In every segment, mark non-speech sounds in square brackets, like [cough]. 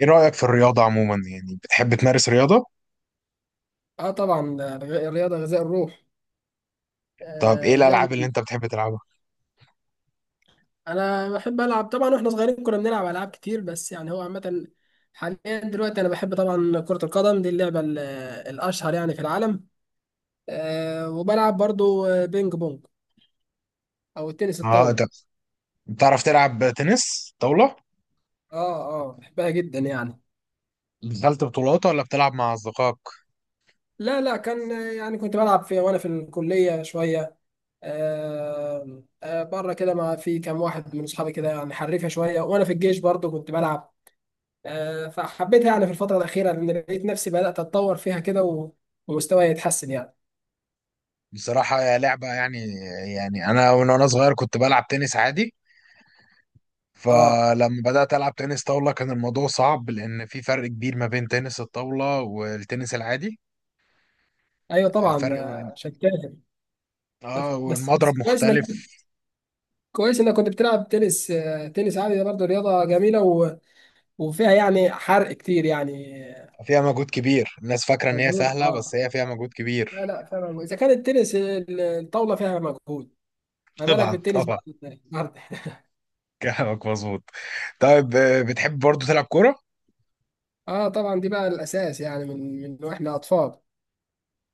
ايه رأيك في الرياضة عموما، يعني بتحب تمارس رياضة؟ اه طبعا ده الرياضه غذاء الروح. طب ايه آه دايما. الألعاب اللي انت بتحب تلعبها؟ انا بحب العب طبعا واحنا صغيرين كنا بنلعب العاب كتير بس يعني هو عامه. حاليا دلوقتي انا بحب طبعا كره القدم، دي اللعبه الاشهر يعني في العالم. وبلعب برضو بينج بونج او التنس اه، انت الطاوله. بتعرف تلعب تنس طاولة؟ اه اه، بحبها جدا يعني. دخلت بطولات ولا بتلعب مع أصدقائك؟ لا لا، كان يعني كنت بلعب في وانا في الكليه شويه. بره كده مع في كام واحد من اصحابي كده يعني حريفه شويه، وانا في الجيش برضو كنت بلعب. فحبيتها يعني في الفترة الأخيرة، لأن لقيت نفسي بدأت أتطور فيها كده ومستواي يتحسن يعني. بصراحة يا لعبة يعني. يعني انا من وانا صغير كنت بلعب تنس عادي. أه فلما بدأت ألعب تنس طاولة كان الموضوع صعب، لأن في فرق كبير ما بين تنس الطاولة والتنس العادي. أيوه طبعا، فرق من- عشان كده. بس اه، بس والمضرب بس كويس إنك مختلف. كويس إنك كنت بتلعب تنس عادي، ده برضه رياضة جميلة وفيها يعني حرق كتير يعني. فيها مجهود كبير، الناس فاكرة إن هي مجهود سهلة بس أه. هي فيها مجهود لا كبير. لا، فعلا إذا كان التنس الطاولة فيها مجهود، [laughs] ما بالك طبعا بالتنس طبعا، بقى النهارده [laughs] كلامك مظبوط. طيب، بتحب برضو تلعب كورة؟ أه طبعا، دي بقى الأساس يعني من وإحنا أطفال.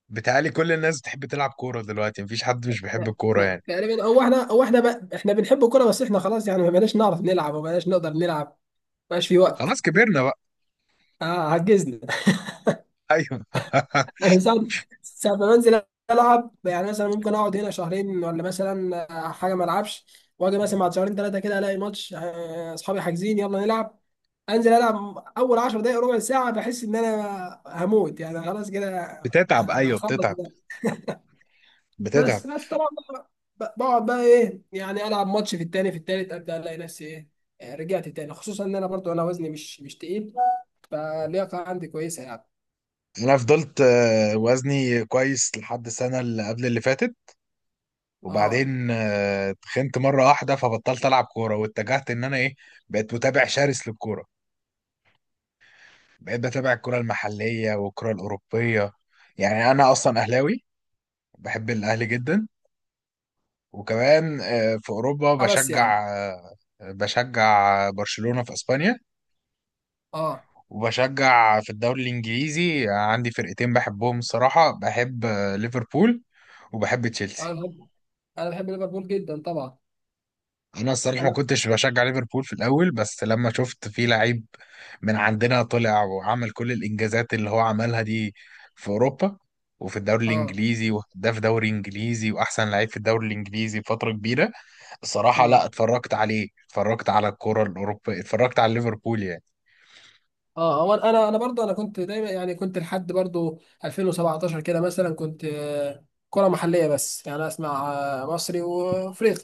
بتهيألي كل الناس بتحب تلعب كورة دلوقتي، مفيش حد مش بيحب الكورة يعني. تقريبا، هو احنا بقى احنا بنحب الكوره، بس احنا خلاص يعني ما بقيناش نعرف نلعب وما بقيناش نقدر نلعب، ما بقاش في وقت. خلاص كبرنا بقى. اه، عجزنا. [laughs] أيوه، [laughs] انا ساعة ما بنزل العب يعني، مثلا ممكن اقعد هنا شهرين، ولا مثلا حاجه ما العبش، واجي مثلا بعد شهرين ثلاثه كده الاقي ماتش، اصحابي حاجزين يلا نلعب. انزل العب اول 10 دقائق ربع ساعه بحس ان انا هموت يعني، خلاص كده بتتعب، أيوه هخلص. بتتعب. بتتعب. بس بس طبعا، بقعد بقى ايه يعني العب ماتش في التاني في التالت ابدا الاقي نفسي ايه، رجعت تاني. خصوصا ان انا برضو انا وزني مش تقيل، فاللياقه عندي كويسه يعني. أنا فضلت وزني كويس لحد السنة اللي قبل اللي فاتت. اه. وبعدين اتخنت مره واحده، فبطلت العب كوره واتجهت ان انا ايه، بقيت متابع شرس للكوره. بقيت بتابع الكوره المحليه والكوره الاوروبيه. يعني انا اصلا اهلاوي، بحب الاهلي جدا. وكمان في اوروبا آه، بس يعني بشجع، بشجع برشلونه في اسبانيا. اه وبشجع في الدوري الانجليزي عندي فرقتين بحبهم الصراحه، بحب ليفربول وبحب انا تشيلسي. بحب انا بحب ليفربول جدا طبعا. انا الصراحه ما انا كنتش بشجع ليفربول في الاول، بس لما شفت في لعيب من عندنا طلع وعمل كل الانجازات اللي هو عملها دي في اوروبا، وفي الدوري اه الانجليزي، وهداف دوري انجليزي واحسن لعيب في الدوري الانجليزي فتره كبيره، الصراحه لا، اه اتفرجت عليه، اتفرجت على الكره الاوروبيه، اتفرجت على ليفربول يعني. اه هو انا برضو انا كنت دايما يعني، كنت لحد برضو 2017 كده مثلا كنت كرة محلية بس يعني، اسمع مصري وافريقي،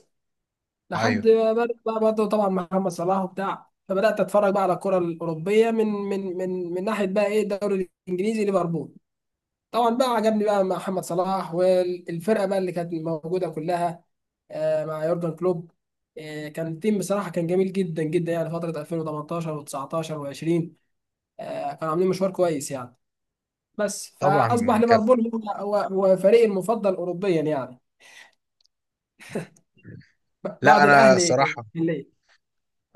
لحد ايوه ما بدأ بقى برضه طبعا محمد صلاح وبتاع، فبدات اتفرج بقى على الكره الاوروبيه من ناحيه بقى ايه الدوري الانجليزي ليفربول. طبعا بقى عجبني بقى محمد صلاح والفرقه بقى اللي كانت موجوده كلها مع يورجن كلوب. كان التيم بصراحه كان جميل جدا جدا يعني، فتره 2018 و19 و20 كانوا عاملين مشوار كويس يعني. بس فاصبح طبعا كف. ليفربول هو فريقي المفضل اوروبيا يعني، لا بعد انا الاهلي. الصراحه،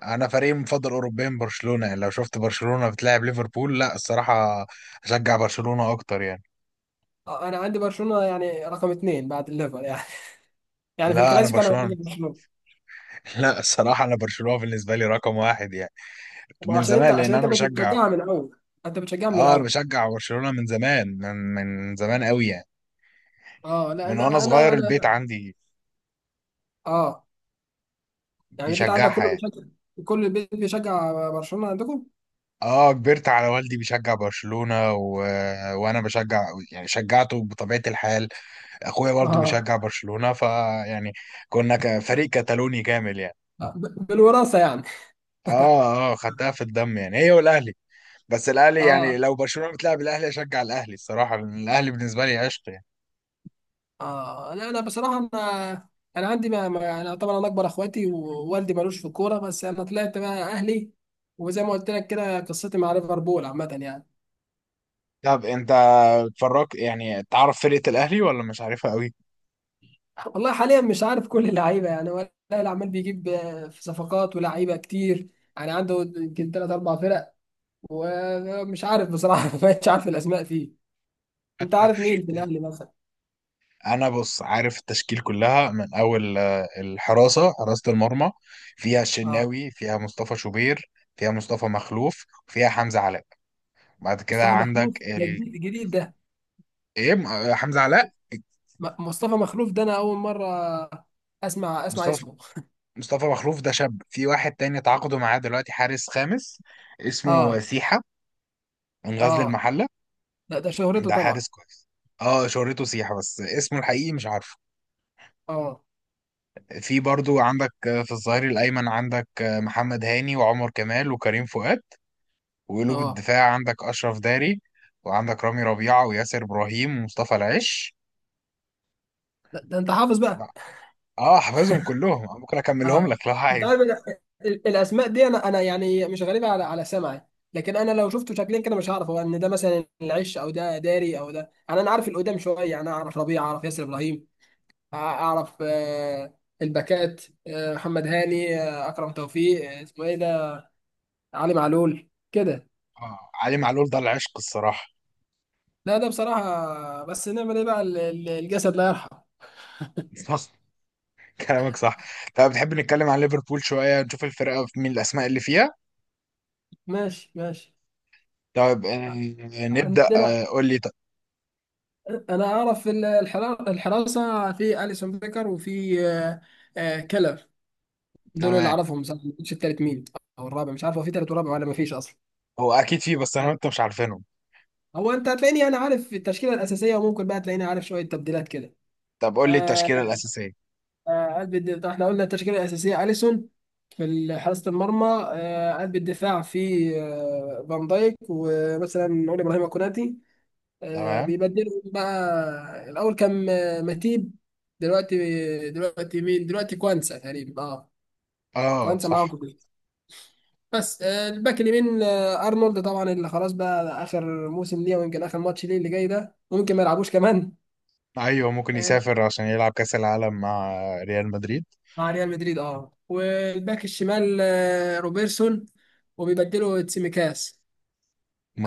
انا فريقي المفضل اوروبيا برشلونه، يعني لو شفت برشلونه بتلاعب ليفربول لا الصراحه اشجع برشلونه اكتر يعني. انا عندي برشلونه يعني رقم 2 بعد الليفر يعني. [laughs] يعني في لا، انا الكلاسيكو انا بشجع برشلونه. برشلونه. [laughs] لا الصراحة، أنا برشلونة بالنسبة لي رقم واحد يعني. ما من زمان لأن عشان انت أنا كنت بشجع. بتشجعها من الاول، انت بتشجعها من آه، أنا الاول. بشجع برشلونة من زمان، من زمان قوي يعني. اه لا، من وأنا صغير البيت انا عندي اه. يعني البيت عندك بيشجعها كله يعني. بيشجع؟ كل البيت بيشجع برشلونه عندكم. آه، كبرت على والدي بيشجع برشلونة، و... وأنا بشجع، يعني شجعته بطبيعة الحال. أخويا برضه اه، بيشجع برشلونة فيعني فريق كتالوني كامل يعني. بالوراثه يعني. آه، خدتها في الدم يعني، هي والأهلي. بس الأهلي، يعني اه لو برشلونة بتلعب الأهلي أشجع الأهلي الصراحة، لأن الأهلي بالنسبة لي عشق يعني. اه، لا انا بصراحه انا انا عندي انا طبعا انا اكبر اخواتي ووالدي ملوش في الكوره، بس انا طلعت بقى اهلي. وزي ما قلت لك كده، قصتي مع ليفربول عامه يعني. طب انت بتفرج يعني، تعرف فرقة الأهلي ولا مش عارفها قوي؟ والله حاليا مش عارف كل اللعيبه يعني، ولا العمال بيجيب في صفقات ولاعيبه كتير يعني، عنده يمكن ثلاث اربع فرق، ومش عارف بصراحه [laughs] ما بقتش عارف الاسماء فيه. انت عارف مين في [laughs] الاهلي مثلا؟ أنا بص، عارف التشكيل كلها من أول الحراسة، حراسة المرمى فيها اه، الشناوي، فيها مصطفى شوبير، فيها مصطفى مخلوف، فيها حمزة علاء. بعد كده مصطفى عندك مخلوف ده جديد جديد ده. إيه م- آه، حمزة علاء. مصطفى مخلوف ده انا اول مره اسمع مصطفى اسمه. مصطفى مخلوف ده شاب، في واحد تاني تعاقدوا معاه دلوقتي حارس خامس، اسمه اه. سيحة، من غزل اه المحلة. لا، ده شهرته ده طبعا. حارس كويس. اه، شهرته سيحة بس اسمه الحقيقي مش عارف. اه. في برضو عندك في الظهير الأيمن عندك محمد هاني وعمر كمال وكريم فؤاد. وقلوب اه الدفاع عندك أشرف داري، وعندك رامي ربيعة وياسر إبراهيم ومصطفى العش. ده انت حافظ بقى. لا، اه، حافظهم كلهم أنا، ممكن أكملهم اه، لك لو انت عارف عايز. الاسماء دي، انا يعني مش غريبه على سمعي، لكن انا لو شفته شكلين كده مش هعرف هو ان ده مثلا العش او ده داري او ده. يعني انا عارف القدام شويه، انا اعرف ربيع، اعرف ياسر ابراهيم، اعرف الباكات، محمد هاني، اكرم توفيق، اسمه ايه ده، علي معلول كده. آه، علي معلول ده العشق الصراحة. لا ده بصراحه، بس نعمل ايه بقى، الجسد لا يرحم. [laughs] صح، كلامك صح. طب بتحب نتكلم عن ليفربول شوية نشوف الفرقة في مين الأسماء اللي فيها؟ ماشي ماشي. طب نبدأ، عندنا، قول لي انا اعرف الحراسه، في اليسون بيكر وفي كلر. دول اللي تمام. اعرفهم بصراحه، ما كنتش التالت مين او الرابع، مش عارف هو في تالت ورابع ولا ما فيش اصلا. هو أكيد فيه بس أنا وأنت مش عارفينهم. هو انت هتلاقيني انا عارف التشكيله الاساسيه، وممكن بقى تلاقيني عارف شويه تبديلات كده. طب قول لي آه التشكيلة الأساسية. قلب الدفاع، احنا قلنا التشكيله الاساسيه اليسون في حراسه المرمى. قلب الدفاع في فان دايك، ومثلا نقول ابراهيم كوناتي. تمام. بيبدلوا بقى، الاول كان متيب، دلوقتي دلوقتي مين، دلوقتي كوانسا تقريبا اه. اه كوانسا معاهم في صح. الفريق. بس الباك اليمين ارنولد طبعا، اللي خلاص بقى اخر موسم ليه، ويمكن اخر ماتش ليه اللي جاي ده، ممكن ما يلعبوش كمان ايوه، ممكن آه، يسافر عشان يلعب كاس العالم مع ريال مدريد. مع ريال مدريد. اه، والباك الشمال روبرتسون، وبيبدلوا تسيميكاس.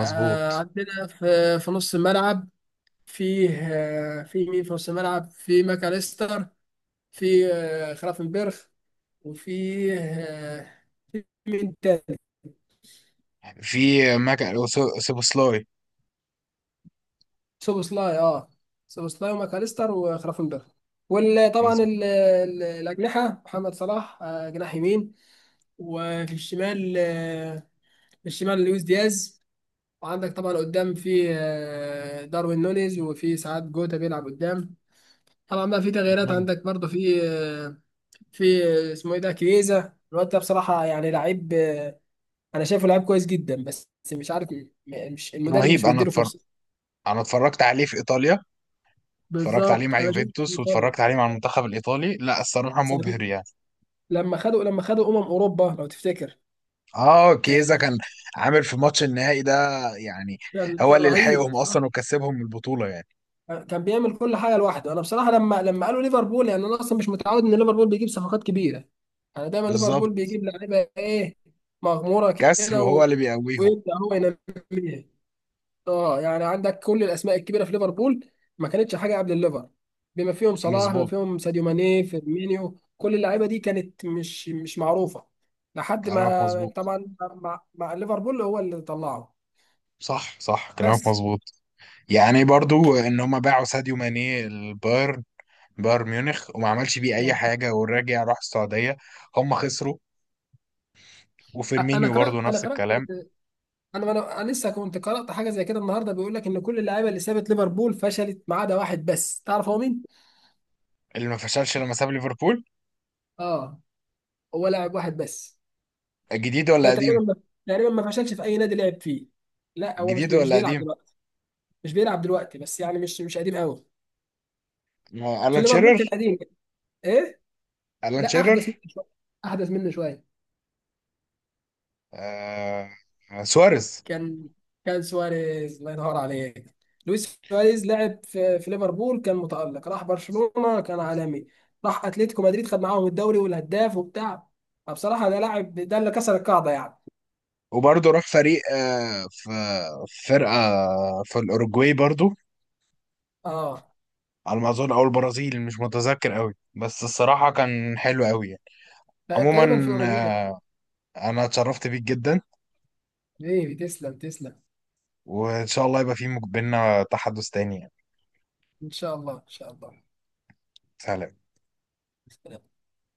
عندنا في نص الملعب فيه في مين في نص الملعب، في ماكاليستر، في خلافنبرغ، وفيه في مين تاني، في ماك سوبوسلاي. سوبوسلاي. اه، سوبوسلاي وماكاليستر وخرافنبرغ. وطبعا مظبوط. الأجنحة، محمد صلاح جناح يمين، وفي الشمال آه، في الشمال لويس دياز. وعندك طبعا قدام في داروين نونيز، وفي ساعات جوتا بيلعب قدام. طبعا بقى في تغييرات، عندك برضه في في اسمه ايه ده، كيزا الواد ده بصراحة يعني لعيب انا شايفه لعيب كويس جدا، بس مش عارف مش المدرب رهيب، مش انا مديله اتفرج، فرصة. انا اتفرجت عليه في ايطاليا. اتفرجت عليه مع بالظبط، انا شفت في يوفنتوس، ايطاليا. واتفرجت عليه مع المنتخب الايطالي، لا الصراحه ساعة- مبهر يعني. لما خدوا اوروبا لو تفتكر، اه، كيزا كان آه، عامل في ماتش النهائي ده يعني. كان هو كان اللي رهيب، لحقهم اصلا صح. وكسبهم البطوله يعني. كان بيعمل كل حاجه لوحده. انا بصراحه لما قالوا ليفربول يعني، انا اصلا مش متعود ان ليفربول بيجيب صفقات كبيره. انا دايما بالظبط. ليفربول بيجيب لعيبه ايه، مغموره كسر كده وهو و... اللي بيقويهم. ويبدا هو ينميها. اه، يعني عندك كل الاسماء الكبيره في ليفربول ما كانتش حاجه قبل الليفر، بما فيهم صلاح، بما مظبوط، فيهم ساديو ماني، فيرمينيو، كل اللعيبه دي كانت مش معروفه، لحد كلامك ما مظبوط. طبعا مع ليفربول هو اللي طلعه. صح صح، كلامك بس. مظبوط. يعني برضو ان هم باعوا ساديو ماني البايرن، بايرن ميونخ، وما عملش بيه اي نعم. حاجه. والراجع راح السعوديه، هم خسروا. انا وفيرمينيو قرات، برضو نفس الكلام. انا انا أنا لسه كنت قرات حاجه زي كده النهارده، بيقول لك ان كل اللعيبه اللي سابت ليفربول فشلت ما عدا واحد بس، تعرف هو مين؟ اللي ما فشلش لما ساب ليفربول، اه، هو لاعب واحد بس، جديد ولا ده قديم؟ تقريبا ما تقريبا ما فشلش في اي نادي لعب فيه. لا، هو جديد مش ولا بيلعب قديم؟ دلوقتي، بس يعني مش قديم قوي. آه، في الان ليفربول شيرر. كان قديم. ايه. الان لا، احدث مني شيرر. شويه، احدث مني شويه. آه. آه، سواريز. كان كان سواريز، الله ينور عليك. لويس سواريز لعب في ليفربول كان متألق، راح برشلونه كان عالمي، راح اتلتيكو مدريد خد معاهم الدوري والهداف وبتاع، فبصراحه ده لاعب، ده اللي كسر القاعده يعني. وبرضو راح فريق، في فرقه، في الاوروجواي برضو اه، على ما اظن، او البرازيل مش متذكر قوي، بس الصراحه كان حلو قوي يعني. عموما، تقريبا في اوروجواي. آه، انا اتشرفت بيك جدا، حبيبي تسلم تسلم. وان شاء الله يبقى في بينا تحدث تاني يعني. ان شاء الله، ان شاء سهلا. الله.